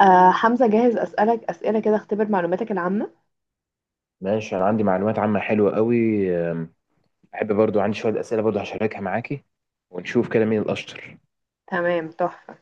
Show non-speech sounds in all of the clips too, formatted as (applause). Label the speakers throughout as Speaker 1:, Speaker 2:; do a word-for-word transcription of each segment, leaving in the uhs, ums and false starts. Speaker 1: آه حمزة، جاهز أسألك أسئلة كده؟ اختبر معلوماتك العامة.
Speaker 2: ماشي، انا عندي معلومات عامة حلوة قوي. أم، احب برضو، عندي شوية اسئلة برضو هشاركها معاكي، ونشوف كده مين الاشطر.
Speaker 1: تمام، تحفة.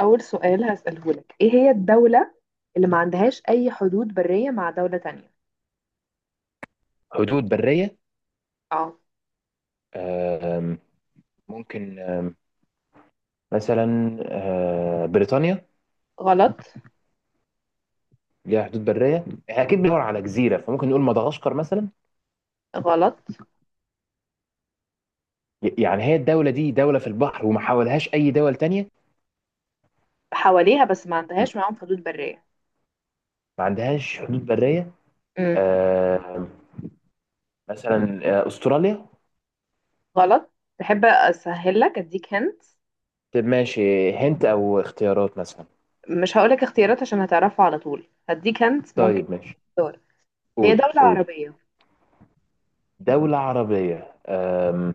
Speaker 1: أول سؤال هسأله لك، إيه هي الدولة اللي ما عندهاش أي حدود برية مع دولة تانية؟
Speaker 2: حدود برية؟
Speaker 1: اه.
Speaker 2: أم، ممكن أه، مثلا أه، بريطانيا.
Speaker 1: غلط.
Speaker 2: ليها حدود برية. احنا اكيد بندور على جزيرة، فممكن نقول مدغشقر مثلا.
Speaker 1: غلط،
Speaker 2: ي- يعني هي الدولة دي دولة في البحر وما حاولهاش اي دول تانية.
Speaker 1: حواليها بس ما
Speaker 2: م-
Speaker 1: عندهاش معاهم حدود برية.
Speaker 2: ما عندهاش حدود برية.
Speaker 1: امم.
Speaker 2: أم، مثلا أه، استراليا.
Speaker 1: غلط. تحب أسهل لك، أديك هنت؟
Speaker 2: طب ماشي، هنت او اختيارات مثلا.
Speaker 1: مش هقولك اختيارات عشان هتعرفها على طول، هديك هنت ممكن
Speaker 2: طيب ماشي.
Speaker 1: تختار. هي
Speaker 2: قولي
Speaker 1: دولة
Speaker 2: قولي.
Speaker 1: عربية.
Speaker 2: دولة عربية، أم،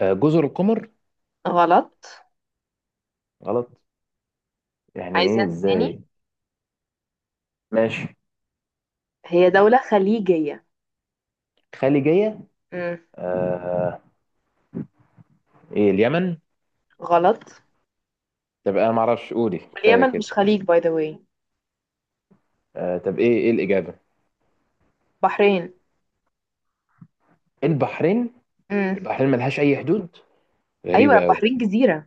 Speaker 2: أه، جزر القمر.
Speaker 1: غلط.
Speaker 2: غلط. يعني
Speaker 1: عايز
Speaker 2: ايه،
Speaker 1: هنت تاني؟
Speaker 2: ازاي؟ ماشي.
Speaker 1: هي دولة خليجية.
Speaker 2: خليجية.
Speaker 1: امم.
Speaker 2: أه، ايه، اليمن؟
Speaker 1: غلط.
Speaker 2: طب انا معرفش، قولي كفاية
Speaker 1: واليمن
Speaker 2: كده.
Speaker 1: مش خليج، باي ذا واي.
Speaker 2: أه، طب ايه ايه الإجابة؟
Speaker 1: بحرين.
Speaker 2: البحرين.
Speaker 1: امم.
Speaker 2: البحرين ملهاش أي حدود؟
Speaker 1: ايوه،
Speaker 2: غريبة أوي.
Speaker 1: بحرين جزيرة.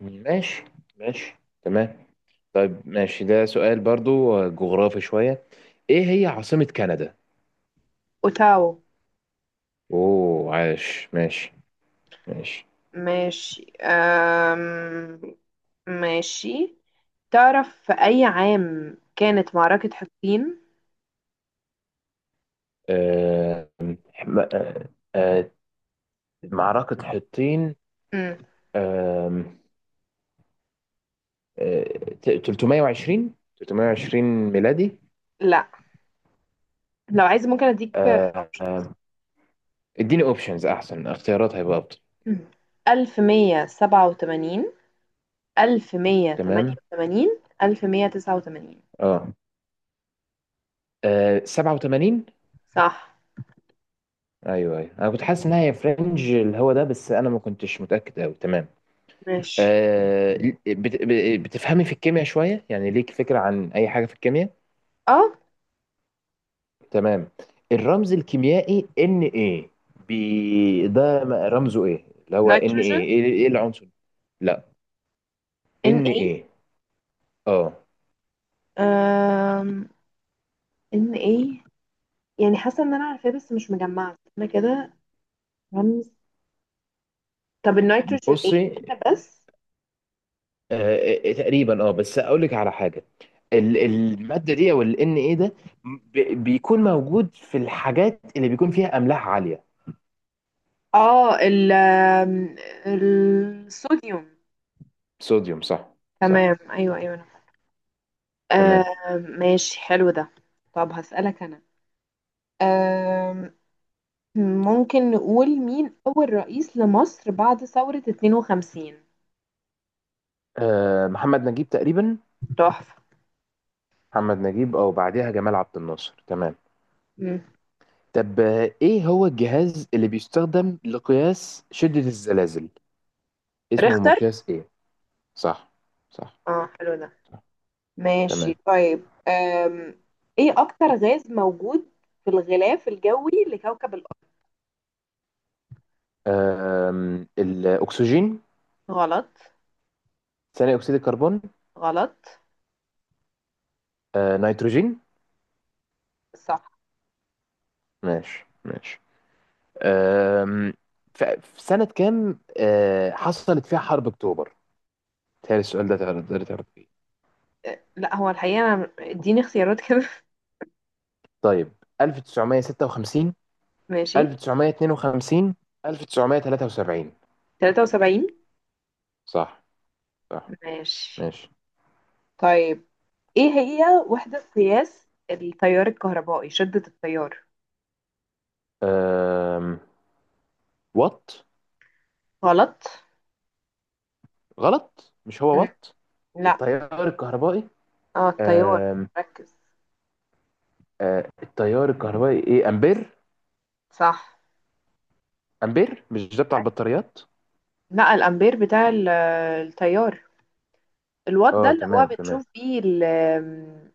Speaker 2: ماشي ماشي تمام. طيب ماشي، ده سؤال برضو آه، جغرافي شوية. ايه هي عاصمة كندا؟
Speaker 1: اوتاو.
Speaker 2: اوه، عاش. ماشي ماشي.
Speaker 1: ماشي. أم... ماشي. تعرف في اي عام كانت معركة حطين؟
Speaker 2: أه، م- أه، معركة حطين.
Speaker 1: امم.
Speaker 2: آه، ثلاثمية وعشرين ثلاثمية وعشرين ميلادي.
Speaker 1: لا. لو عايز ممكن اديك
Speaker 2: آه،
Speaker 1: اوبشنز.
Speaker 2: آه، اديني اوبشنز، احسن اختيارات هيبقى افضل.
Speaker 1: ألف ومية سبعة وتمانين،
Speaker 2: تمام.
Speaker 1: ألف ومية تمانية وتمانين، ألف ومية تسعة وتمانين.
Speaker 2: اه، آه، سبعة وثمانين.
Speaker 1: صح.
Speaker 2: ايوه ايوه، انا كنت حاسس انها هي فرنج اللي هو ده، بس انا ما كنتش متاكد قوي. تمام.
Speaker 1: ماشي.
Speaker 2: آه، بت- ب- بتفهمي في الكيمياء شويه؟ يعني ليك فكره عن اي حاجه في الكيمياء؟
Speaker 1: اه.
Speaker 2: تمام. الرمز الكيميائي ان ايه. بي ده م- رمزه ايه؟ اللي هو ان
Speaker 1: نيتروجين.
Speaker 2: ايه، ايه إيه العنصر؟ لا،
Speaker 1: ان
Speaker 2: ان
Speaker 1: اي.
Speaker 2: ايه. اه.
Speaker 1: أم... ان اي. يعني حاسه ان انا عارفاه بس مش مجمعه انا كده. رمز. طب النيتروجين ايه؟
Speaker 2: بصي،
Speaker 1: انا بس.
Speaker 2: آه، آه، تقريبا اه، بس اقول لك على حاجه. ال- الماده دي، او ال ان ايه ده، ب- بيكون موجود في الحاجات اللي بيكون فيها املاح عاليه.
Speaker 1: اه، ال آم، الصوديوم.
Speaker 2: صوديوم، صح. صح
Speaker 1: تمام، ايوه ايوه، أنا فاكرة.
Speaker 2: تمام.
Speaker 1: آم، ماشي، حلو ده. طب هسألك انا، آم، ممكن نقول مين اول رئيس لمصر بعد ثورة اتنين وخمسين؟
Speaker 2: آه، محمد نجيب تقريبا.
Speaker 1: تحفة.
Speaker 2: محمد نجيب او بعدها جمال عبد الناصر. تمام.
Speaker 1: مم.
Speaker 2: طب آه، ايه هو الجهاز اللي بيستخدم لقياس شده الزلازل؟ اسمه
Speaker 1: ريختر.
Speaker 2: مقياس ايه؟ صح صح
Speaker 1: اه، حلو ده.
Speaker 2: صح
Speaker 1: ماشي
Speaker 2: تمام.
Speaker 1: طيب، آم، ايه اكتر غاز موجود في الغلاف الجوي لكوكب الارض؟
Speaker 2: آم، الاكسجين.
Speaker 1: غلط.
Speaker 2: ثاني اكسيد الكربون.
Speaker 1: غلط.
Speaker 2: آه نيتروجين.
Speaker 1: صح.
Speaker 2: ماشي ماشي. أم، ف- في سنة كام أه، حصلت فيها حرب أكتوبر؟ تهيألي السؤال ده تقدر تقدر تعرف فيه.
Speaker 1: لا هو الحقيقة أنا، اديني اختيارات كده.
Speaker 2: طيب، ألف وتسعمية وستة وخمسين،
Speaker 1: (laughs) ماشي.
Speaker 2: ألف وتسعمية واتنين وخمسين، ألف وتسعمائة وثلاثة وسبعين؟
Speaker 1: تلاتة وسبعين.
Speaker 2: صح صح
Speaker 1: ماشي
Speaker 2: ماشي.
Speaker 1: طيب. ايه هي وحدة قياس التيار الكهربائي، شدة التيار؟
Speaker 2: أم، وات.
Speaker 1: غلط.
Speaker 2: غلط؟ مش هو
Speaker 1: مم.
Speaker 2: وات؟
Speaker 1: لا.
Speaker 2: التيار الكهربائي.
Speaker 1: اه، التيار.
Speaker 2: أم،
Speaker 1: ركز.
Speaker 2: أه، التيار الكهربائي، ايه، امبير.
Speaker 1: صح.
Speaker 2: امبير؟ مش ده بتاع
Speaker 1: أيوة.
Speaker 2: البطاريات؟
Speaker 1: لا، الأمبير بتاع ال- آه، التيار. الوات ده
Speaker 2: اه
Speaker 1: اللي هو
Speaker 2: تمام تمام.
Speaker 1: بنشوف بيه، ال-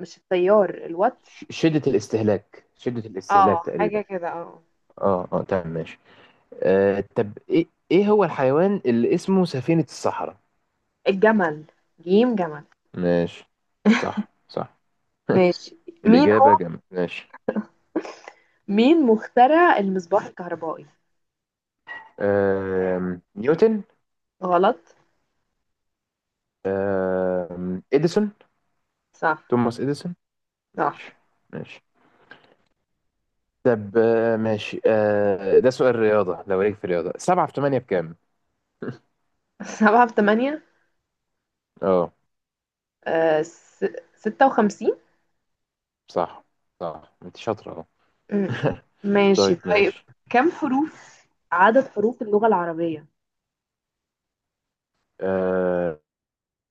Speaker 1: مش التيار الوات.
Speaker 2: ش- شدة الاستهلاك، شدة الاستهلاك
Speaker 1: اه، حاجة
Speaker 2: تقريبا.
Speaker 1: كده، اه.
Speaker 2: اه اه تمام ماشي. آه، طب ايه ايه هو الحيوان اللي اسمه سفينة الصحراء؟
Speaker 1: الجمل. جيم جمل.
Speaker 2: ماشي، صح صح. (laughs)
Speaker 1: ماشي. مين هو
Speaker 2: الإجابة جامد، ماشي.
Speaker 1: مين مخترع المصباح الكهربائي؟
Speaker 2: آم، نيوتن.
Speaker 1: غلط.
Speaker 2: آم، إديسون.
Speaker 1: صح.
Speaker 2: توماس إديسون.
Speaker 1: صح.
Speaker 2: ماشي ماشي. طب آه، ماشي، آه، ده سؤال رياضة، لو ليك في الرياضة، سبعة في تمانية بكام؟ (laughs)
Speaker 1: (laughs) سبعة في تمانية،
Speaker 2: اه.
Speaker 1: آه س... ستة وخمسين.
Speaker 2: صح صح، انت شاطرة اهو.
Speaker 1: مم.
Speaker 2: (laughs)
Speaker 1: ماشي
Speaker 2: طيب
Speaker 1: طيب.
Speaker 2: ماشي.
Speaker 1: كم حروف، عدد حروف اللغة العربية؟
Speaker 2: آه،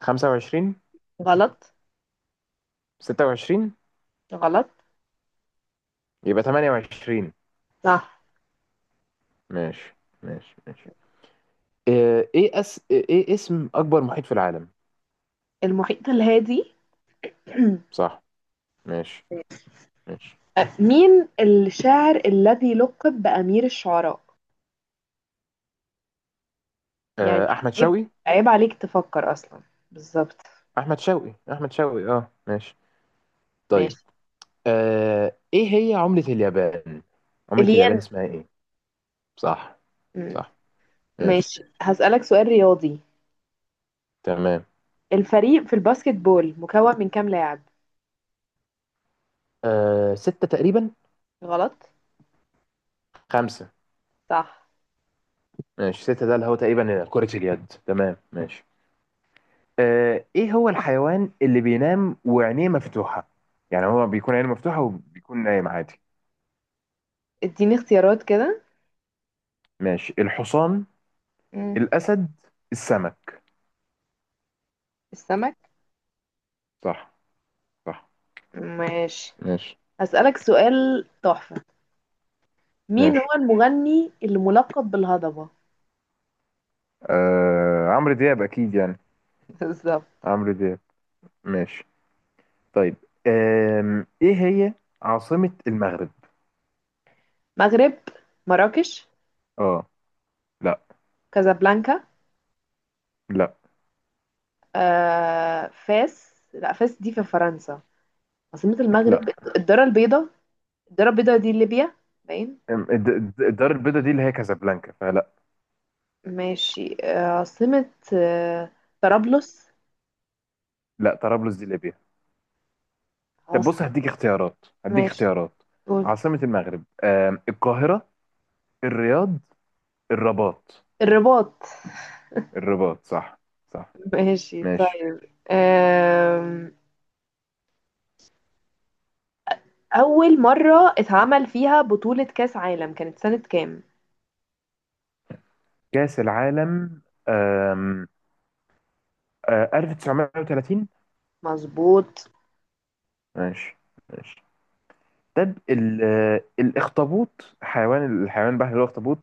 Speaker 2: خمسة وعشرين.
Speaker 1: غلط.
Speaker 2: ستة وعشرين.
Speaker 1: غلط.
Speaker 2: يبقى تمانية وعشرين.
Speaker 1: صح.
Speaker 2: ماشي ماشي ماشي. آه، ايه أس... ايه اسم اكبر محيط في العالم؟
Speaker 1: المحيط الهادي. (clears throat)
Speaker 2: صح. ماشي ماشي.
Speaker 1: آه، مين الشاعر الذي لقب بأمير الشعراء؟ يعني
Speaker 2: آه، احمد
Speaker 1: عيب،
Speaker 2: شوقي،
Speaker 1: عيب عليك تفكر أصلا. بالظبط.
Speaker 2: احمد شوقي، احمد شوقي، اه ماشي. طيب
Speaker 1: ماشي.
Speaker 2: آه، ايه هي عملة اليابان؟ عملة اليابان
Speaker 1: الين.
Speaker 2: اسمها ايه؟ صح
Speaker 1: مم.
Speaker 2: صح. ماشي
Speaker 1: ماشي، هسألك سؤال رياضي.
Speaker 2: تمام.
Speaker 1: الفريق في الباسكت بول مكون من كام لاعب؟
Speaker 2: آه، ستة تقريبا.
Speaker 1: غلط.
Speaker 2: خمسة.
Speaker 1: صح.
Speaker 2: ماشي، ستة ده اللي هو تقريبا كرة اليد. تمام ماشي. آه، ايه هو الحيوان اللي بينام وعينيه مفتوحة؟ يعني هو بيكون عينه مفتوحة وبيكون نايم عادي.
Speaker 1: اديني اختيارات كده.
Speaker 2: ماشي، الحصان،
Speaker 1: مم.
Speaker 2: الأسد، السمك.
Speaker 1: السمك.
Speaker 2: صح صح.
Speaker 1: ماشي.
Speaker 2: ماشي
Speaker 1: هسألك سؤال تحفة. مين هو
Speaker 2: ماشي.
Speaker 1: المغني اللي ملقب بالهضبة؟
Speaker 2: آه... عمرو دياب أكيد يعني.
Speaker 1: (laughs) بالظبط.
Speaker 2: عمرو دياب. ماشي طيب. أم... إيه هي عاصمة المغرب؟
Speaker 1: مغرب. مراكش.
Speaker 2: اه. لا.
Speaker 1: كازابلانكا.
Speaker 2: لا.
Speaker 1: آه، فاس. لا، فاس دي في فرنسا. عاصمة
Speaker 2: لا.
Speaker 1: المغرب، الدارة البيضاء. الدارة البيضاء دي ليبيا، باين.
Speaker 2: أم، الد- الد- الدار البيضاء دي اللي هي كازابلانكا، فلا.
Speaker 1: ماشي، آه، عاصمة، آه، طرابلس.
Speaker 2: لا، طرابلس دي ليبيا. طب بص،
Speaker 1: عاصمة.
Speaker 2: هديك اختيارات هديك
Speaker 1: ماشي،
Speaker 2: اختيارات.
Speaker 1: قول.
Speaker 2: عاصمة المغرب، آم، القاهرة، الرياض، الرباط.
Speaker 1: الرباط.
Speaker 2: الرباط، صح. صح
Speaker 1: ماشي
Speaker 2: ماشي.
Speaker 1: طيب، آم، أول مرة اتعمل فيها بطولة كأس عالم كانت سنة كام؟
Speaker 2: كأس العالم، آه، ألف وتسعمية وتلاتين.
Speaker 1: مظبوط.
Speaker 2: ماشي ماشي. طب ال- آه، الاخطبوط، حيوان، الحيوان البحري اللي هو الاخطبوط،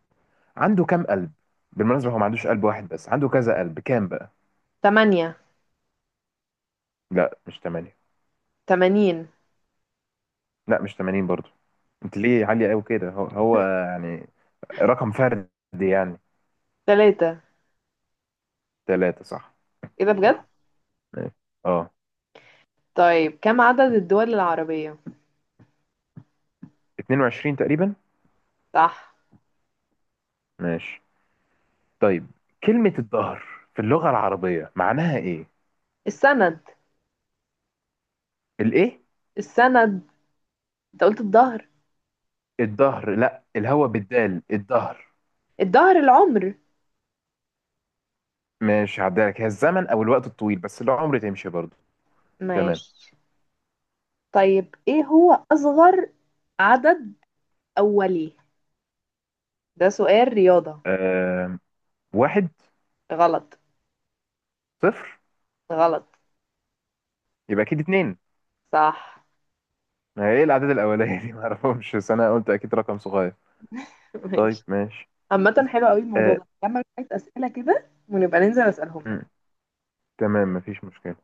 Speaker 2: عنده كام قلب؟ بالمناسبة هو ما عندوش قلب واحد بس عنده كذا قلب. كام بقى؟
Speaker 1: تمانية.
Speaker 2: لا، مش تمانية.
Speaker 1: تمانين.
Speaker 2: لا، مش تمانين برضو. انت ليه عالية قوي كده؟ هو, هو يعني رقم فردي يعني.
Speaker 1: تلاتة.
Speaker 2: ثلاثة، صح.
Speaker 1: إيه ده بجد؟
Speaker 2: صح ماشي. اه.
Speaker 1: طيب، كم عدد الدول العربية؟
Speaker 2: اثنين وعشرين تقريبا.
Speaker 1: صح.
Speaker 2: ماشي طيب، كلمة الظهر في اللغة العربية معناها ايه؟
Speaker 1: السند.
Speaker 2: الايه؟
Speaker 1: السند، أنت قلت الظهر.
Speaker 2: الظهر، لا الهوا بالدال، الظهر.
Speaker 1: الظهر، العمر.
Speaker 2: ماشي، هعديها لك، هي الزمن او الوقت الطويل، بس العمر تمشي برضو. تمام.
Speaker 1: ماشي طيب، إيه هو أصغر عدد أولي؟ ده سؤال رياضة.
Speaker 2: آه واحد.
Speaker 1: غلط.
Speaker 2: صفر.
Speaker 1: غلط.
Speaker 2: يبقى اكيد اتنين.
Speaker 1: صح.
Speaker 2: ما هي ايه الاعداد الاوليه دي، (laughs) ما اعرفهمش، بس انا قلت اكيد رقم صغير.
Speaker 1: (laughs)
Speaker 2: طيب
Speaker 1: ماشي.
Speaker 2: ماشي.
Speaker 1: عامة حلو قوي الموضوع
Speaker 2: آه
Speaker 1: ده، نعمل شوية أسئلة كده ونبقى ننزل أسألهم.
Speaker 2: م، تمام، مفيش مشكله.